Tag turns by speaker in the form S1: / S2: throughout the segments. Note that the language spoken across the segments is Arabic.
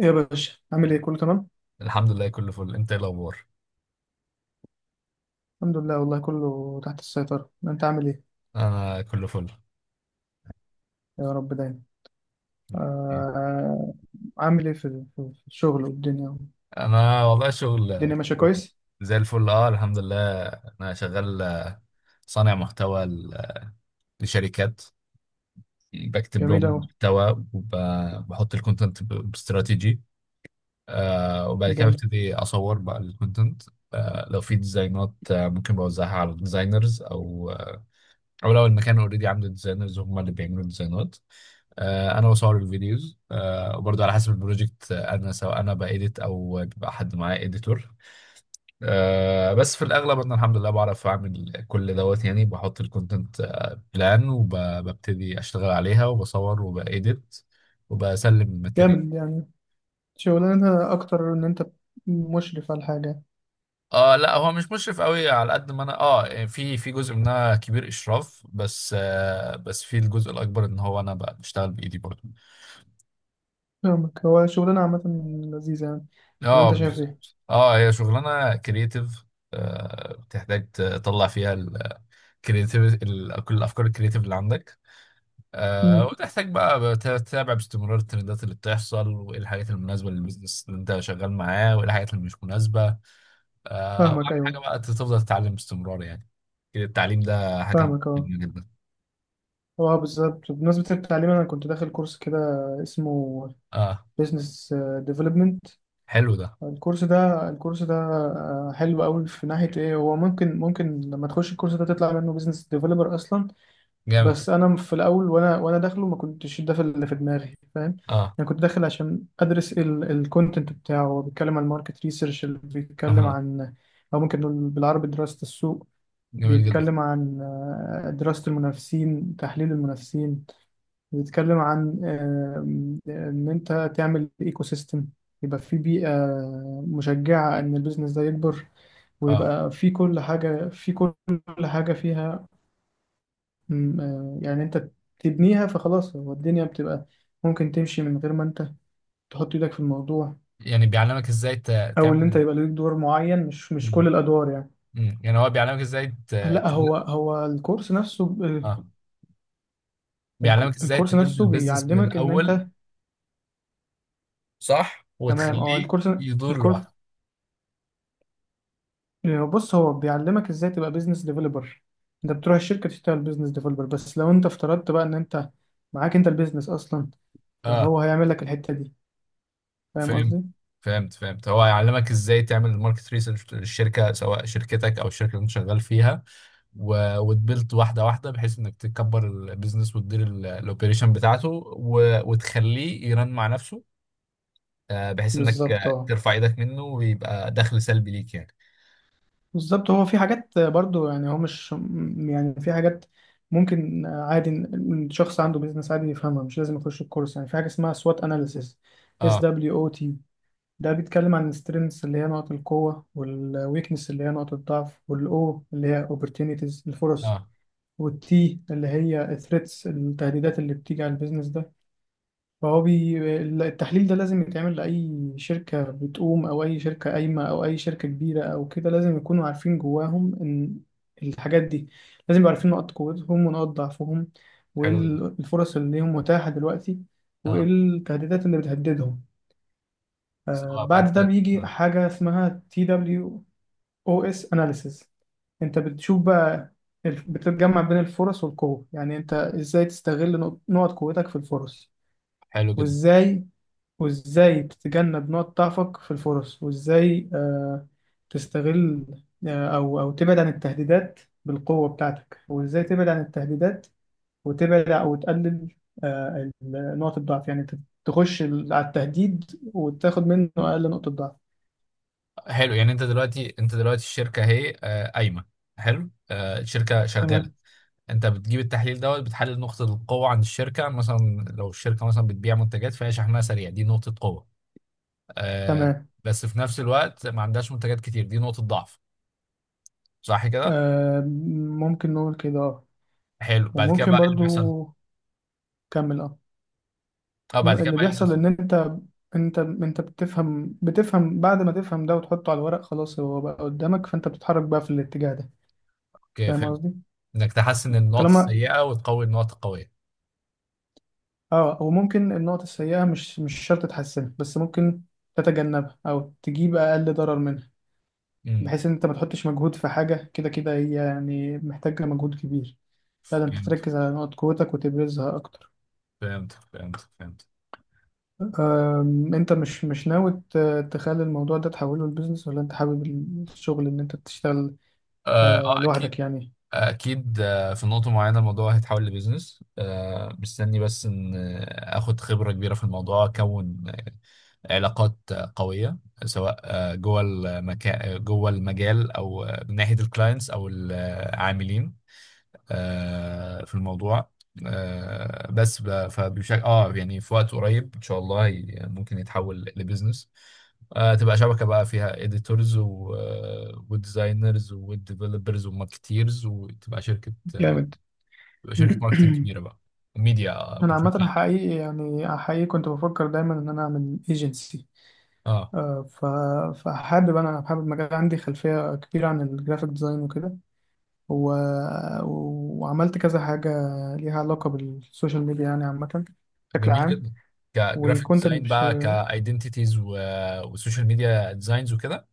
S1: إيه يا باشا، عامل ايه؟ كله تمام؟
S2: الحمد لله كله فل. انت ايه الاخبار؟
S1: الحمد لله، والله كله تحت السيطرة. انت عامل ايه؟
S2: انا كله فل.
S1: يا رب دايما. آه. عامل ايه في الشغل والدنيا؟
S2: انا والله شغل
S1: الدنيا ماشية
S2: كله
S1: كويس.
S2: زي الفل. اه الحمد لله. انا شغال، صانع محتوى لشركات. بكتب
S1: جميل
S2: لهم
S1: اوي.
S2: محتوى وبحط الكونتنت باستراتيجي. وبعد كده
S1: جامد.
S2: ببتدي اصور بقى الكونتنت. لو في ديزاينات، ممكن بوزعها على الديزاينرز او او لو المكان اوريدي عنده ديزاينرز هم اللي بيعملوا ديزاينات. انا بصور الفيديوز، وبرضه على حسب البروجكت، سواء انا بايديت او بيبقى حد معايا اديتور. بس في الاغلب انا الحمد لله بعرف اعمل كل دوت. يعني بحط الكونتنت بلان وببتدي اشتغل عليها وبصور وبايديت وبسلم الماتيريال.
S1: جامد يعني، شغلانة اكتر ان انت مشرف على الحاجة.
S2: اه لا، هو مش مشرف قوي، على قد ما انا، يعني في جزء منها كبير اشراف، بس بس في الجزء الاكبر ان هو انا بقى بشتغل بايدي برضه.
S1: فاهمك، هو شغلانة عامة لذيذة يعني، ولا
S2: اه
S1: انت شايف ايه؟
S2: بالظبط، اه هي شغلانه كرييتيف، بتحتاج تطلع فيها الكرييتيف، كل الافكار الكرييتيف اللي عندك.
S1: مم.
S2: وتحتاج بقى تتابع باستمرار الترندات اللي بتحصل، وايه الحاجات المناسبه للبيزنس اللي انت شغال معاه، وايه الحاجات اللي مش مناسبه.
S1: فاهمك،
S2: واهم حاجه
S1: ايوه.
S2: بقى تفضل تتعلم باستمرار يعني. التعليم ده حاجه
S1: فاهمك، اه.
S2: مهمه جدا.
S1: اه بالظبط، بمناسبة التعليم انا كنت داخل كورس كده اسمه
S2: اه.
S1: بيزنس ديفلوبمنت.
S2: حلو ده.
S1: الكورس ده حلو قوي. في ناحية ايه؟ هو ممكن لما تخش الكورس ده تطلع منه بيزنس ديفلوبر اصلا.
S2: جامد.
S1: بس انا في الاول، وانا داخله ما كنتش ده في اللي في دماغي، فاهم؟
S2: اه.
S1: انا كنت داخل عشان ادرس الكونتنت بتاعه. هو بيتكلم عن ماركت ريسيرش، اللي بيتكلم
S2: اه
S1: عن، او ممكن نقول بالعربي، دراسة السوق.
S2: جميل جدا.
S1: بيتكلم عن دراسة المنافسين، تحليل المنافسين. بيتكلم عن ان انت تعمل ايكو سيستم، يبقى في بيئة مشجعة ان البيزنس ده يكبر،
S2: اه
S1: ويبقى في كل حاجة، في كل حاجة فيها. م، آه، يعني انت تبنيها فخلاص، هو الدنيا بتبقى ممكن تمشي من غير ما انت تحط ايدك في الموضوع،
S2: يعني بيعلمك ازاي
S1: او ان
S2: تعمل.
S1: انت يبقى ليك دور معين، مش كل الادوار يعني.
S2: مم، يعني هو بيعلمك ازاي
S1: لا، هو هو الكورس نفسه
S2: اه بيعلمك ازاي
S1: الكورس
S2: تبيلد
S1: نفسه
S2: البيزنس من
S1: بيعلمك ان
S2: الاول.
S1: انت،
S2: صح،
S1: تمام اه.
S2: وتخليه
S1: الكورس
S2: يدور
S1: الكورس
S2: لوحده.
S1: بص، هو بيعلمك ازاي تبقى بيزنس ديفلوبر. انت بتروح الشركه تشتغل بيزنس ديفلوبر، بس لو انت افترضت بقى ان انت معاك انت البيزنس اصلا،
S2: اه.
S1: فهو هيعمل لك الحته دي. فاهم
S2: فهمت
S1: قصدي؟
S2: فهمت. هو هيعلمك ازاي تعمل الماركت ريسيرش للشركه، سواء شركتك او الشركه اللي انت شغال فيها، وتبيلد واحده واحده، بحيث انك تكبر البيزنس وتدير الاوبريشن بتاعته وتخليه يرن مع نفسه. آه بحيث انك،
S1: بالظبط
S2: آه،
S1: اه.
S2: ترفع ايدك منه ويبقى دخل سلبي ليك يعني.
S1: بالظبط، هو في حاجات برضو يعني، هو مش يعني في حاجات ممكن عادي إن الشخص عنده بيزنس عادي يفهمها، مش لازم يخش الكورس. يعني في حاجه اسمها سوات اناليسيس، اس
S2: اه.
S1: دبليو او تي ده بيتكلم عن السترينثس اللي هي نقط القوه، والويكنس اللي هي نقط الضعف، والاو اللي هي اوبورتونيتيز الفرص،
S2: اه
S1: والتي اللي هي الثريتس التهديدات اللي بتيجي على البيزنس ده. فهو بي... التحليل ده لازم يتعمل لأي شركة بتقوم، أو أي شركة قايمة، أو أي شركة كبيرة، أو كده لازم يكونوا عارفين جواهم إن الحاجات دي، لازم يبقوا عارفين نقاط قوتهم ونقاط ضعفهم، وإيه
S2: حلو جدا.
S1: الفرص اللي ليهم متاحة دلوقتي، وإيه
S2: اه
S1: التهديدات اللي بتهددهم.
S2: سواء بقى
S1: بعد ده بيجي
S2: آه.
S1: حاجة اسمها TOWS اناليسيز. انت بتشوف بقى، بتجمع بين الفرص والقوة، يعني انت ازاي تستغل نقط قوتك في الفرص،
S2: حلو جدا.
S1: وازاي وازاي تتجنب نقط ضعفك في الفرص، وازاي تستغل، او تبعد عن التهديدات بالقوة بتاعتك، وازاي تبعد عن التهديدات وتبعد او تقلل نقط الضعف، يعني انت تخش على التهديد وتاخد منه اقل نقطة ضعف.
S2: حلو يعني، انت دلوقتي الشركه اهي، آه، قايمه. حلو، آه، الشركه شغاله.
S1: تمام،
S2: انت بتجيب التحليل دوت، بتحلل نقطه القوه عند الشركه مثلا. لو الشركه مثلا بتبيع منتجات فهي شحنها سريع، دي نقطه قوه، آه،
S1: تمام.
S2: بس في نفس الوقت ما عندهاش منتجات كتير، دي نقطه ضعف. صح كده؟
S1: آه ممكن نقول كده، اه.
S2: حلو، بعد كده
S1: وممكن
S2: بقى ايه اللي
S1: برضو،
S2: بيحصل؟
S1: كمل اه.
S2: اه بعد كده
S1: اللي
S2: بقى ايه اللي
S1: بيحصل
S2: بيحصل؟
S1: ان انت، انت بتفهم بعد ما تفهم ده وتحطه على الورق، خلاص هو بقى قدامك، فانت بتتحرك بقى في الاتجاه ده.
S2: اوكي
S1: فاهم
S2: فهمت،
S1: قصدي؟
S2: انك تحسن النقط
S1: طالما
S2: السيئه وتقوي النقط القويه.
S1: اه. وممكن النقط السيئة مش شرط تحسنها، بس ممكن تتجنبها او تجيب اقل ضرر منها،
S2: امم.
S1: بحيث ان انت ما تحطش مجهود في حاجة كده كده هي يعني محتاجة مجهود كبير. لا، ده انت
S2: فهمت
S1: تركز على نقط قوتك وتبرزها اكتر.
S2: فهمت.
S1: انت مش ناوي تخلي الموضوع ده تحوله لبيزنس، ولا انت حابب الشغل ان انت تشتغل
S2: اه آه، اكيد.
S1: لوحدك يعني؟
S2: اكيد، آه، في نقطه معينه الموضوع هيتحول لبيزنس، آه، مستني بس ان، آه، اخد خبره كبيره في الموضوع، اكون علاقات، آه، قويه، سواء، آه، جوه المكان جوه المجال، او، آه، من ناحيه الكلاينتس او العاملين، آه، في الموضوع، آه، فبشكل اه يعني في وقت قريب ان شاء الله ممكن يتحول لبيزنس، آه، تبقى شبكة بقى فيها editors وديزاينرز وديفلوبرز وماركتيرز وتبقى شركة،
S1: جامد.
S2: بيبقى شركه ماركتنج كبيره بقى وميديا
S1: انا
S2: بشكل
S1: عامه
S2: عام.
S1: حقيقي، يعني حقيقي كنت بفكر دايما ان انا اعمل ايجنسي،
S2: اه
S1: ف فحابب انا حابب مجال. عندي خلفيه كبيره عن الجرافيك ديزاين وكده، و... وعملت كذا حاجه ليها علاقه بالسوشيال ميديا يعني، عامه بشكل
S2: جميل
S1: عام.
S2: جدا. كجرافيك
S1: والكونتنت.
S2: ديزاين بقى، كايدنتيتيز وسوشيال ميديا ديزاينز وكده.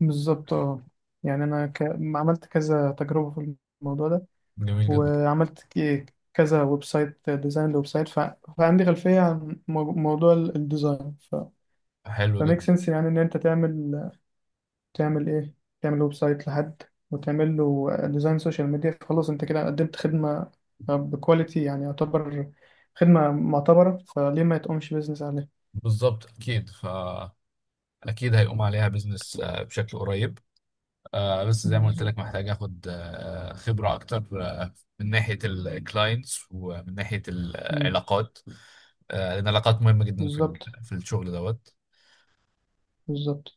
S1: بالظبط اه. يعني انا عملت كذا تجربه في الموضوع ده،
S2: جميل جدا.
S1: وعملت كذا ويب سايت ديزاين لويب سايت فعندي خلفيه عن موضوع الديزاين
S2: حلو
S1: فميك
S2: جدا.
S1: سنس يعني ان انت تعمل ايه؟ تعمل ويب سايت لحد، وتعمل له ديزاين سوشيال ميديا، فخلاص انت كده قدمت خدمه بكواليتي، يعني يعتبر خدمه معتبره، فليه ما تقومش بيزنس عليها؟
S2: بالظبط، اكيد، فاكيد هيقوم عليها بزنس بشكل قريب، آه، بس زي ما قلت
S1: بالظبط.
S2: لك محتاج اخد، آه، خبره اكتر، آه، من ناحيه الكلاينتس ومن ناحيه
S1: مم.
S2: العلاقات، آه، لان العلاقات مهمه جدا في
S1: بالظبط،
S2: في الشغل دوت،
S1: بالظبط.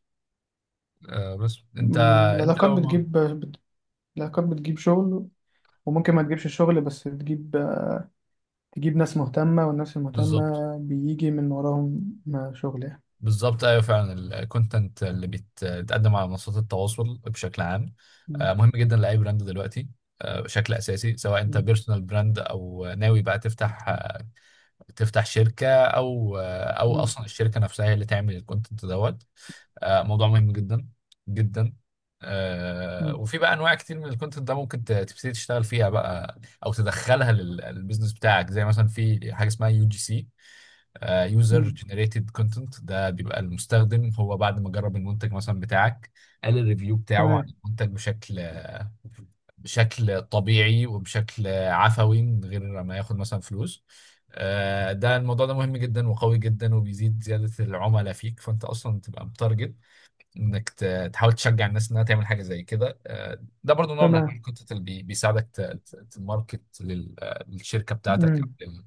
S2: آه، بس انت
S1: مم.
S2: انت
S1: العلاقات
S2: لو ما-
S1: بتجيب العلاقات بتجيب شغل، وممكن ما تجيبش الشغل بس تجيب ناس مهتمة، والناس المهتمة
S2: بالظبط.
S1: بيجي من وراهم ما شغل يعني.
S2: بالظبط ايوه فعلا. الكونتنت اللي بيتقدم على منصات التواصل بشكل عام، آه،
S1: مم.
S2: مهم جدا لاي براند دلوقتي، آه، بشكل اساسي، سواء انت
S1: مم.
S2: بيرسونال براند او ناوي بقى تفتح، آه، تفتح شركه، او
S1: مم.
S2: اصلا الشركه نفسها هي اللي تعمل الكونتنت دوت، آه، موضوع مهم جدا جدا، آه،
S1: مم.
S2: وفي بقى انواع كتير من الكونتنت ده ممكن تبتدي تشتغل فيها بقى او تدخلها للبيزنس بتاعك. زي مثلا في حاجه اسمها يو جي سي، يوزر
S1: مم.
S2: جنريتد كونتنت. ده بيبقى المستخدم هو بعد ما جرب المنتج مثلا بتاعك، قال الريفيو بتاعه عن
S1: تمام،
S2: المنتج بشكل طبيعي وبشكل عفوي من غير ما ياخد مثلا فلوس. آه، الموضوع ده مهم جدا وقوي جدا وبيزيد زيادة العملاء فيك، فانت اصلا تبقى متارجت انك تحاول تشجع الناس انها تعمل حاجة زي كده. آه، ده برضو نوع من انواع
S1: تمام.
S2: الكونتنت اللي بيساعدك تماركت للشركة بتاعتك او
S1: مم.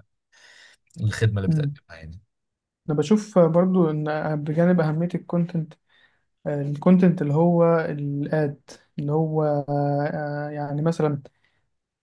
S2: للخدمة اللي
S1: مم.
S2: بتقدمها يعني.
S1: أنا بشوف برضو إن، بجانب أهمية الكونتنت، الكونتنت اللي هو الاد، اللي هو يعني مثلا،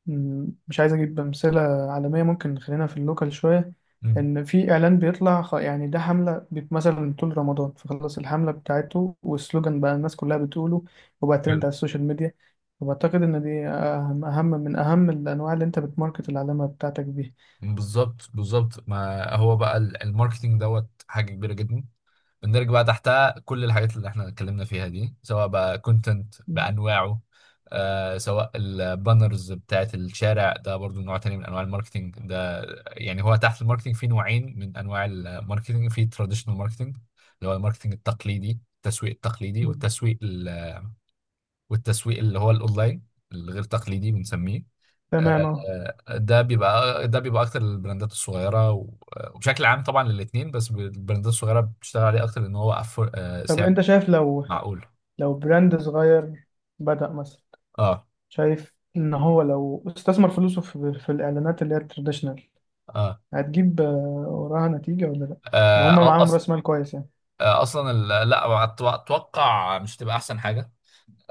S1: مش عايز اجيب امثله عالميه، ممكن نخلينا في اللوكال شويه.
S2: مم.
S1: ان في اعلان بيطلع يعني ده حمله مثلا طول رمضان، فخلاص الحمله بتاعته والسلوجان بقى الناس كلها بتقوله، وبقى ترند على السوشيال ميديا. وبعتقد ان دي أهم من اهم الانواع اللي انت بتماركت العلامه بتاعتك بيها.
S2: بالظبط بالظبط. ما هو بقى الماركتينج دوت حاجة كبيرة جدا، بندرج بقى تحتها كل الحاجات اللي احنا اتكلمنا فيها دي، سواء بقى كونتنت
S1: مم.
S2: بأنواعه، آه سواء البانرز بتاعت الشارع، ده برضو نوع تاني من انواع الماركتينج ده. يعني هو تحت الماركتينج في نوعين من انواع الماركتينج، في تراديشنال ماركتينج اللي هو الماركتينج التقليدي، التسويق التقليدي،
S1: مم.
S2: والتسويق اللي هو الاونلاين، الغير تقليدي بنسميه.
S1: تمام اه.
S2: آه، ده بيبقى اكتر للبراندات الصغيره وبشكل عام طبعا للاثنين، بس البراندات الصغيره بتشتغل عليه اكتر لان هو أفور... آه،
S1: طب
S2: سعر
S1: انت شايف، لو
S2: معقول.
S1: لو براند صغير بدأ مثلا،
S2: اه.
S1: شايف ان هو لو استثمر فلوسه في الاعلانات اللي هي التراديشنال،
S2: اه،
S1: هتجيب وراها نتيجة ولا لأ؟ لو هما
S2: آه
S1: معاهم
S2: أص...
S1: رأس مال كويس يعني.
S2: آه اصلا لا، اتوقع مش هتبقى احسن حاجه،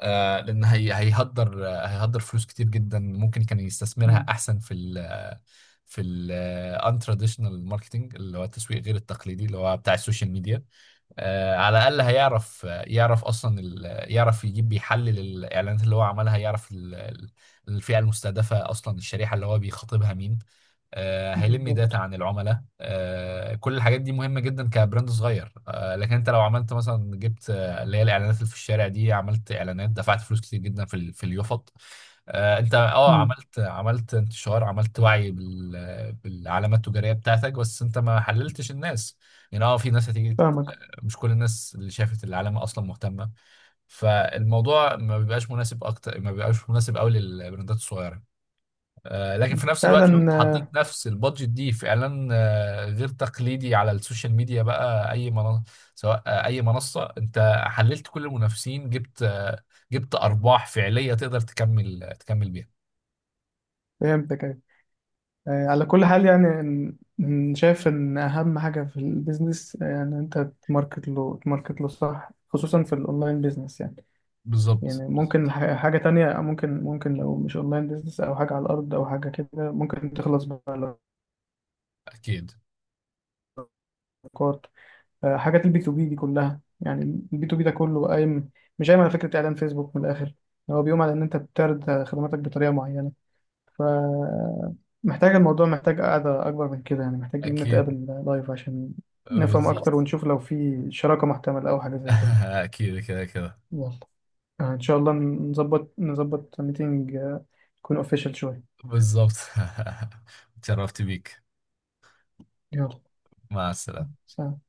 S2: آه لان هيهدر فلوس كتير جدا ممكن كان يستثمرها
S1: مم.
S2: احسن في في الان تراديشنال ماركتنج، اللي هو التسويق غير التقليدي، اللي هو بتاع السوشيال ميديا، آه، على الاقل هيعرف يعرف اصلا ال- يعرف يجيب يحلل الاعلانات اللي هو عملها، يعرف الفئه المستهدفه، اصلا الشريحه اللي هو بيخاطبها مين، آه، هيلم داتا
S1: بالظبط.
S2: عن العملاء، آه، كل الحاجات دي مهمه جدا كبراند صغير. آه، لكن انت لو عملت مثلا، جبت، آه، اللي هي الاعلانات اللي في الشارع دي، عملت اعلانات، دفعت فلوس كتير جدا في في اليوفط، آه، انت
S1: مم.
S2: عملت انتشار، عملت وعي بالعلامة التجارية بتاعتك، بس انت ما حللتش الناس. يعني اه في ناس هتيجي،
S1: فاهمك.
S2: مش كل الناس اللي شافت العلامة اصلا مهتمة، فالموضوع ما بيبقاش مناسب، ما بيبقاش مناسب قوي للبراندات الصغيرة. آه، لكن في نفس الوقت لو
S1: فعلا
S2: انت حطيت نفس البادجت دي في اعلان، آه، غير تقليدي على السوشيال ميديا، بقى اي منصة، سواء، آه، اي منصة، انت حللت كل المنافسين، جبت، آه، جبت ارباح فعلية تقدر تكمل بيها.
S1: فهمتك، أيوة. على كل حال يعني، إن شايف إن أهم حاجة في البيزنس يعني أنت تماركت له، تماركت له صح، خصوصا في الأونلاين بيزنس يعني.
S2: بالظبط
S1: يعني ممكن
S2: بالظبط.
S1: حاجة تانية، ممكن لو مش أونلاين بيزنس أو حاجة على الأرض أو حاجة كده، ممكن تخلص بالأفكار.
S2: اكيد
S1: حاجات ال B2B دي كلها يعني. ال B2B ده كله قايم، مش قايم على فكرة إعلان فيسبوك من الآخر. يعني هو بيقوم على إن أنت بتعرض خدماتك بطريقة معينة، فمحتاج الموضوع محتاج قعدة أكبر من كده، يعني محتاج إن
S2: اكيد.
S1: نتقابل لايف عشان نفهم أكتر
S2: بالظبط.
S1: ونشوف لو في شراكة محتملة أو حاجة زي كده.
S2: اكيد كده كده.
S1: يلا، إن شاء الله نظبط ميتنج يكون أوفيشال شوية.
S2: بالظبط. اتشرفت بيك.
S1: يلا.
S2: مع السلامة.
S1: سلام.